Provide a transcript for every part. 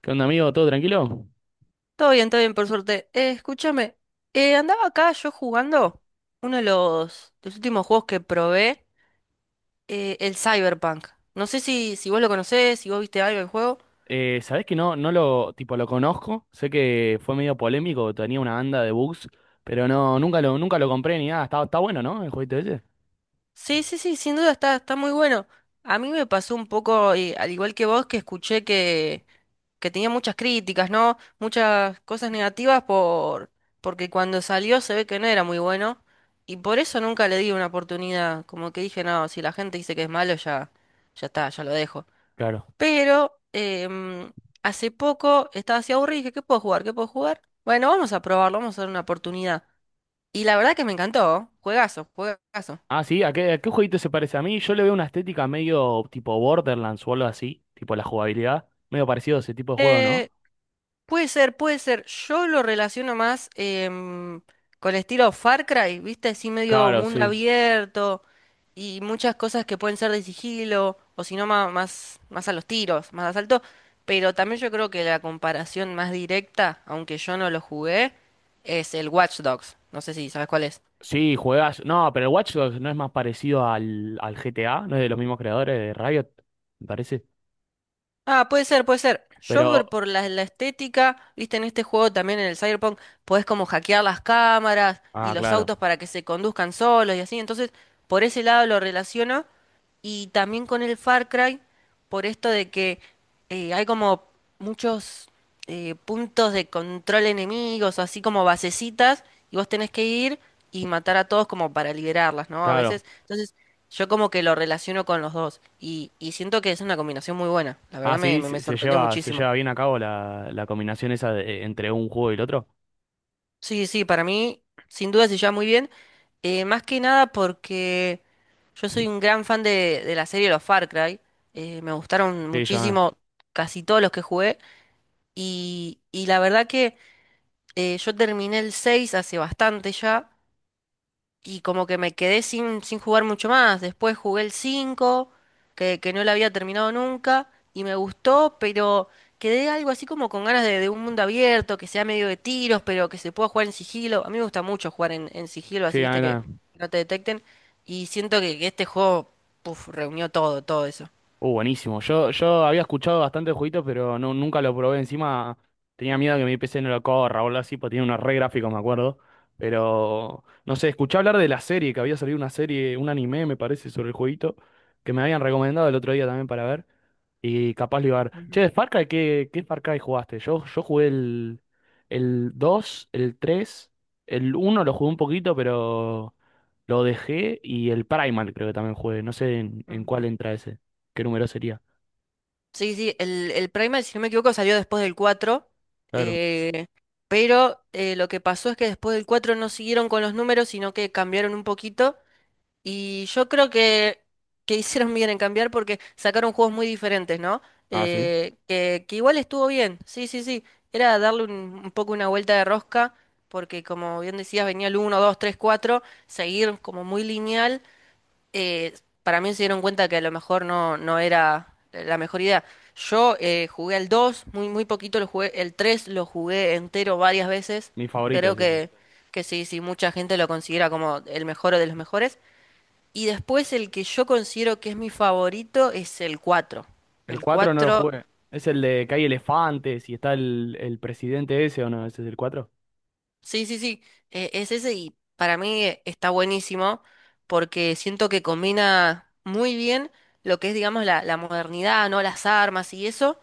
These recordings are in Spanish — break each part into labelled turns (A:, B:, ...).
A: ¿Qué onda, amigo? ¿Todo tranquilo?
B: Todo bien, por suerte. Escúchame, andaba acá yo jugando uno de los últimos juegos que probé, el Cyberpunk. No sé si vos lo conocés, si vos viste algo del juego.
A: ¿Sabés que no, no lo, tipo, lo conozco? Sé que fue medio polémico, tenía una banda de bugs, pero no, nunca lo compré ni nada. Está bueno, ¿no? El jueguito ese.
B: Sí, sí, sí, sin duda está muy bueno. A mí me pasó un poco, al igual que vos, que escuché que tenía muchas críticas, ¿no? Muchas cosas negativas porque cuando salió se ve que no era muy bueno. Y por eso nunca le di una oportunidad. Como que dije, no, si la gente dice que es malo, ya, ya está, ya lo dejo.
A: Claro.
B: Pero hace poco estaba así aburrida y dije, ¿qué puedo jugar? ¿Qué puedo jugar? Bueno, vamos a probarlo, vamos a dar una oportunidad. Y la verdad que me encantó. Juegazo, juegazo.
A: Ah, sí, ¿a qué jueguito se parece a mí? Yo le veo una estética medio tipo Borderlands o algo así, tipo la jugabilidad, medio parecido a ese tipo de juego, ¿no?
B: Eh, Puede ser, puede ser. Yo lo relaciono más con el estilo Far Cry, ¿viste? Así medio
A: Claro,
B: mundo
A: sí.
B: abierto y muchas cosas que pueden ser de sigilo o si no más, a los tiros, más asalto. Pero también yo creo que la comparación más directa, aunque yo no lo jugué, es el Watch Dogs. No sé si sabes cuál es.
A: Sí, juegas. No, pero el Watch Dogs no es más parecido al GTA, no es de los mismos creadores de Riot, me parece.
B: Ah, puede ser, puede ser. Yo por,
A: Pero.
B: por la estética, viste, en este juego también en el Cyberpunk, podés como hackear las cámaras y
A: Ah,
B: los
A: claro,
B: autos para que se conduzcan solos y así. Entonces, por ese lado lo relaciono. Y también con el Far Cry, por esto de que hay como muchos puntos de control enemigos, así como basecitas, y vos tenés que ir y matar a todos como para liberarlas, ¿no? A
A: claro.
B: veces. Entonces, yo como que lo relaciono con los dos y siento que es una combinación muy buena. La
A: Ah,
B: verdad me,
A: sí,
B: me-
A: se,
B: me
A: se
B: sorprendió
A: lleva, se
B: muchísimo.
A: lleva bien a cabo la combinación esa entre un juego y el otro.
B: Sí, sí, para mí sin duda se lleva muy bien, más que nada porque yo soy un gran fan de la serie de Los Far Cry. Me gustaron
A: Sí, ya.
B: muchísimo casi todos los que jugué y la verdad que yo terminé el 6 hace bastante ya. Y como que me quedé sin jugar mucho más. Después jugué el 5 que no lo había terminado nunca, y me gustó, pero quedé algo así como con ganas de un mundo abierto, que sea medio de tiros, pero que se pueda jugar en sigilo. A mí me gusta mucho jugar en sigilo, así
A: Sí,
B: viste que
A: acá.
B: no te detecten. Y siento que este juego, puf, reunió todo, todo eso.
A: Buenísimo. Yo había escuchado bastante el jueguito, pero no, nunca lo probé. Encima tenía miedo que mi PC no lo corra o algo así, porque tiene unos re gráficos, me acuerdo. Pero, no sé, escuché hablar de la serie, que había salido una serie, un anime, me parece, sobre el jueguito, que me habían recomendado el otro día también para ver. Y capaz lo iba a ver. Che,
B: Ujú,
A: de Far Cry, ¿qué Far Cry jugaste? Yo jugué el 2, el 3, el uno lo jugué un poquito, pero lo dejé. Y el Primal creo que también jugué. No sé en cuál
B: ujú.
A: entra ese. ¿Qué número sería?
B: Sí, sí, el Primal, si no me equivoco, salió después del cuatro,
A: Claro.
B: eh, pero lo que pasó es que después del 4 no siguieron con los números, sino que cambiaron un poquito, y yo creo que hicieron bien en cambiar porque sacaron juegos muy diferentes, ¿no?
A: Ah, sí.
B: Que igual estuvo bien, sí, sí, sí, era darle un poco una vuelta de rosca, porque como bien decías, venía el uno 2 3 4 seguir como muy lineal. eh, para mí se dieron cuenta que a lo mejor no, no era la mejor idea. Yo jugué al 2 muy, muy poquito lo jugué, el 3 lo jugué entero varias veces.
A: Mi favorito
B: Creo
A: es ese.
B: que sí, sí, mucha gente lo considera como el mejor de los mejores. Y después el que yo considero que es mi favorito es el 4.
A: El
B: El
A: cuatro no lo
B: 4.
A: jugué. Es el de que hay elefantes y está el presidente ese o no. ¿Ese es el 4?
B: Sí, sí, sí, es ese y para mí está buenísimo porque siento que combina muy bien lo que es, digamos, la modernidad, ¿no? Las armas y eso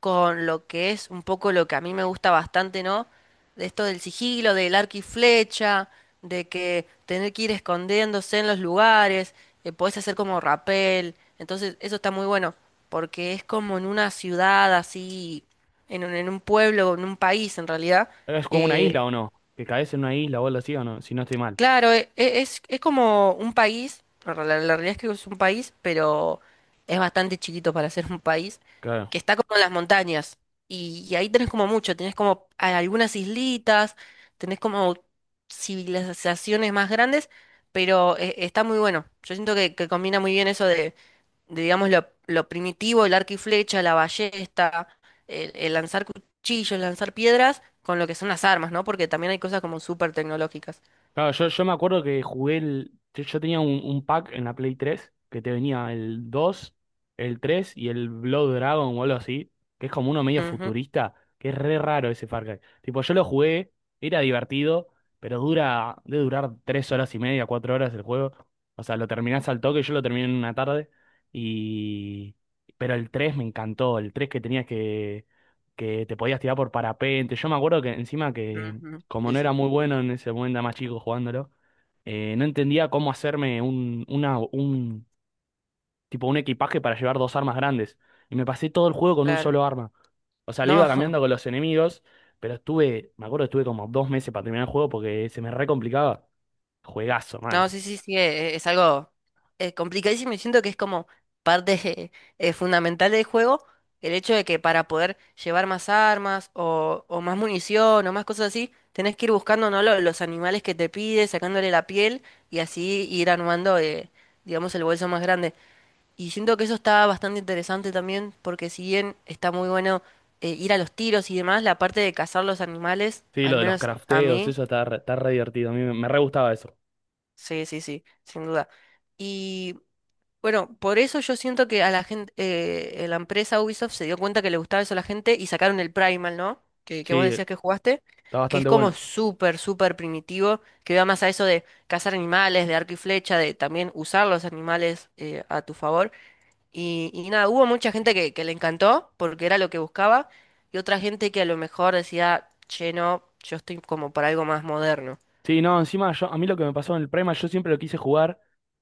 B: con lo que es un poco lo que a mí me gusta bastante, ¿no? De esto del sigilo, del arco y flecha, de que tener que ir escondiéndose en los lugares, podés hacer como rapel, entonces eso está muy bueno porque es como en una ciudad así, en un pueblo, en un país en realidad.
A: Es como una
B: eh,
A: isla o no. Que caes en una isla o algo así o no. Si no estoy mal.
B: Claro, es como un país, la realidad es que es un país, pero es bastante chiquito para ser un país,
A: Claro.
B: que está como en las montañas. Y ahí tenés como mucho, tenés como algunas islitas, tenés como civilizaciones más grandes, pero está muy bueno. Yo siento que combina muy bien eso de, digamos, lo primitivo, el arco y flecha, la ballesta, el lanzar cuchillos, lanzar piedras, con lo que son las armas, ¿no? Porque también hay cosas como súper tecnológicas.
A: Claro, yo me acuerdo que jugué el. Yo tenía un pack en la Play 3 que te venía el 2, el 3 y el Blood Dragon o algo así, que es como uno medio futurista, que es re raro ese Far Cry. Tipo, yo lo jugué, era divertido, pero dura, debe durar 3 horas y media, 4 horas el juego. O sea, lo terminás al toque, yo lo terminé en una tarde. Y. Pero el 3 me encantó, el 3 que tenías que te podías tirar por parapente. Yo me acuerdo que encima que
B: Ujú,
A: como
B: sí,
A: no era
B: sí,
A: muy bueno en ese momento, era más chico jugándolo, no entendía cómo hacerme tipo un equipaje para llevar dos armas grandes. Y me pasé todo el juego con un
B: claro.
A: solo arma. O sea, le
B: No,
A: iba cambiando con los enemigos, pero estuve, me acuerdo, estuve como 2 meses para terminar el juego porque se me re complicaba. Juegazo,
B: no,
A: man.
B: sí, sí, sí, es algo complicadísimo y siento que es como parte fundamental del juego, el hecho de que para poder llevar más armas o más munición o más cosas así, tenés que ir buscando, ¿no?, los animales que te pide, sacándole la piel y así ir armando, digamos, el bolso más grande. Y siento que eso está bastante interesante también porque si bien está muy bueno ir a los tiros y demás, la parte de cazar los animales,
A: Sí,
B: al
A: lo de los
B: menos a
A: crafteos,
B: mí.
A: eso está re divertido. A mí me re gustaba eso.
B: Sí, sí, sí, sin duda. Y bueno, por eso yo siento que a la gente, la empresa Ubisoft se dio cuenta que le gustaba eso a la gente y sacaron el Primal, ¿no? Que vos
A: Sí,
B: decías que jugaste,
A: está
B: que es
A: bastante
B: como
A: bueno.
B: súper, súper primitivo, que va más a eso de cazar animales, de arco y flecha, de también usar los animales a tu favor. Y nada, hubo mucha gente que le encantó porque era lo que buscaba y otra gente que a lo mejor decía, che, no, yo estoy como para algo más moderno.
A: Sí, no, encima yo, a mí lo que me pasó en el Prima, yo siempre lo quise jugar.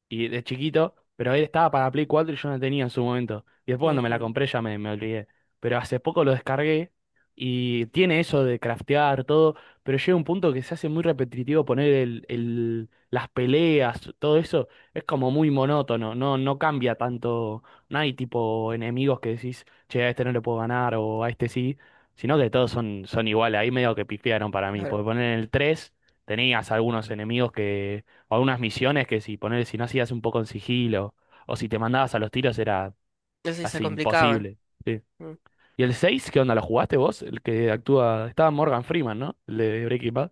A: Y de chiquito, pero él estaba para Play 4 y yo no tenía en su momento. Y después cuando me la
B: Ujú,
A: compré ya me olvidé. Pero hace poco lo descargué y tiene eso de craftear todo, pero llega un punto que se hace muy repetitivo poner las peleas, todo eso es como muy monótono, no, no cambia tanto, no hay tipo enemigos que decís, che, a este no le puedo ganar o a este sí, sino que todos son iguales, ahí medio que pifiaron para mí,
B: claro.
A: porque poner en el 3 tenías algunos enemigos o algunas misiones que si no hacías un poco en sigilo, o si te mandabas a los tiros era
B: Entonces se
A: así
B: complicaban.
A: imposible. Sí.
B: Mm.
A: ¿Y el 6 qué onda? ¿Lo jugaste vos? El que actúa. Estaba Morgan Freeman, ¿no? El de Breaking Bad.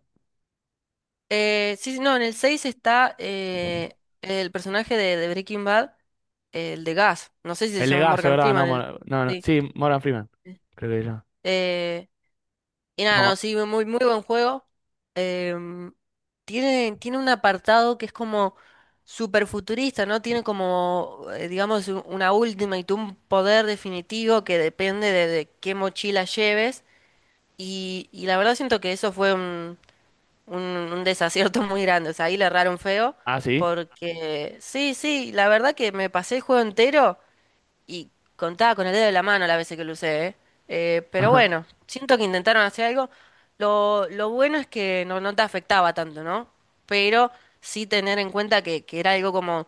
B: Sí, sí, no, en el 6 está el personaje de Breaking Bad, el de Gas. No sé si se
A: El
B: llama
A: legazo,
B: Morgan
A: ¿verdad?
B: Freeman.
A: No,
B: El.
A: No, no.
B: Sí.
A: Sí, Morgan Freeman. Creo que era.
B: Eh, y nada, no,
A: No.
B: sí, muy, muy buen juego. Em, tiene un apartado que es como super futurista, ¿no? Tiene como, digamos, una última y tú un poder definitivo que depende de qué mochila lleves. Y la verdad siento que eso fue un desacierto muy grande. O sea, ahí le erraron feo.
A: Ah, sí.
B: Porque sí, sí, la verdad que me pasé el juego entero y contaba con el dedo de la mano las veces que lo usé, ¿eh? Pero
A: Ajá.
B: bueno, siento que intentaron hacer algo. Lo bueno es que no, no te afectaba tanto, ¿no? Pero sí tener en cuenta que era algo como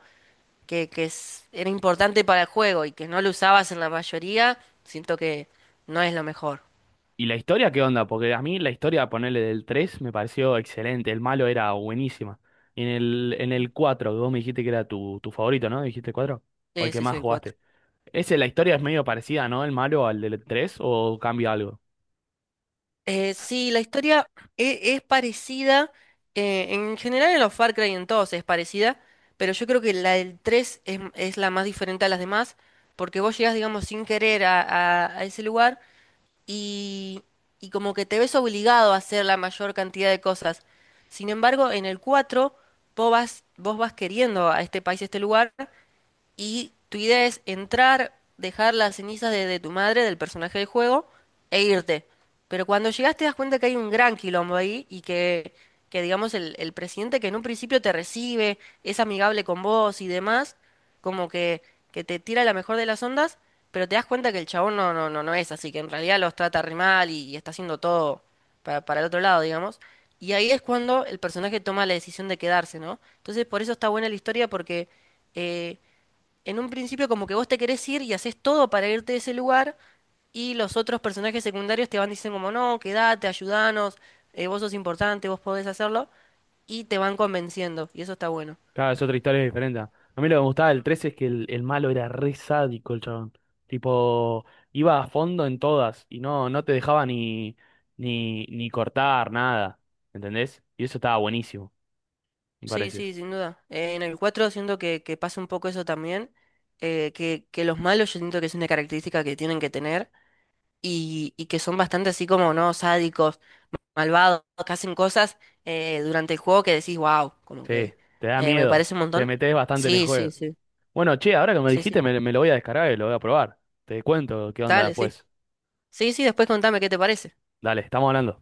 B: que era importante para el juego y que no lo usabas en la mayoría, siento que no es lo mejor.
A: ¿Y la historia qué onda? Porque a mí la historia, ponerle del 3 me pareció excelente. El malo era buenísima. Y en el 4 que vos me dijiste que era tu favorito, ¿no? Dijiste cuatro, o el
B: Sí,
A: que
B: sí, sí,
A: más
B: el cuatro.
A: jugaste. Ese, la historia es medio parecida, ¿no? El malo al del 3 o cambia algo.
B: Sí, la historia es parecida, en general en los Far Cry en todos es parecida, pero yo creo que la del 3 es la más diferente a las demás, porque vos llegás, digamos, sin querer a ese lugar y, y como que te ves obligado a hacer la mayor cantidad de cosas. Sin embargo, en el 4 vos vas queriendo a este país, a este lugar, y tu idea es entrar, dejar las cenizas de tu madre, del personaje del juego, e irte. Pero cuando llegas te das cuenta que hay un gran quilombo ahí y que digamos, el presidente que en un principio te recibe, es amigable con vos y demás, como que te tira la mejor de las ondas, pero te das cuenta que el chabón no, no, no, no es así, que en realidad los trata re mal y está haciendo todo para el otro lado, digamos. Y ahí es cuando el personaje toma la decisión de quedarse, ¿no? Entonces por eso está buena la historia porque... eh, en un principio como que vos te querés ir y haces todo para irte de ese lugar, y los otros personajes secundarios te van diciendo como no, quédate, ayudanos, vos sos importante, vos podés hacerlo, y te van convenciendo y eso está bueno.
A: Claro, es otra historia diferente. A mí lo que me gustaba del 3 es que el malo era re sádico, el chabón. Tipo, iba a fondo en todas y no te dejaba ni, ni, cortar nada. ¿Entendés? Y eso estaba buenísimo, me
B: Sí,
A: parece.
B: sí, sin duda. En el 4 siento que pasa un poco eso también, que los malos yo siento que es una característica que tienen que tener y que son bastante así como, ¿no?, sádicos, malvados, que hacen cosas durante el juego que decís, wow, como
A: Sí,
B: que
A: te da
B: me
A: miedo.
B: parece un
A: Te
B: montón.
A: metes bastante en el
B: Sí, sí,
A: juego.
B: sí.
A: Bueno, che, ahora que me
B: Sí,
A: dijiste,
B: sí.
A: me lo voy a descargar y lo voy a probar. Te cuento qué onda
B: Dale, sí.
A: después.
B: Sí, sí, después contame qué te parece.
A: Dale, estamos hablando.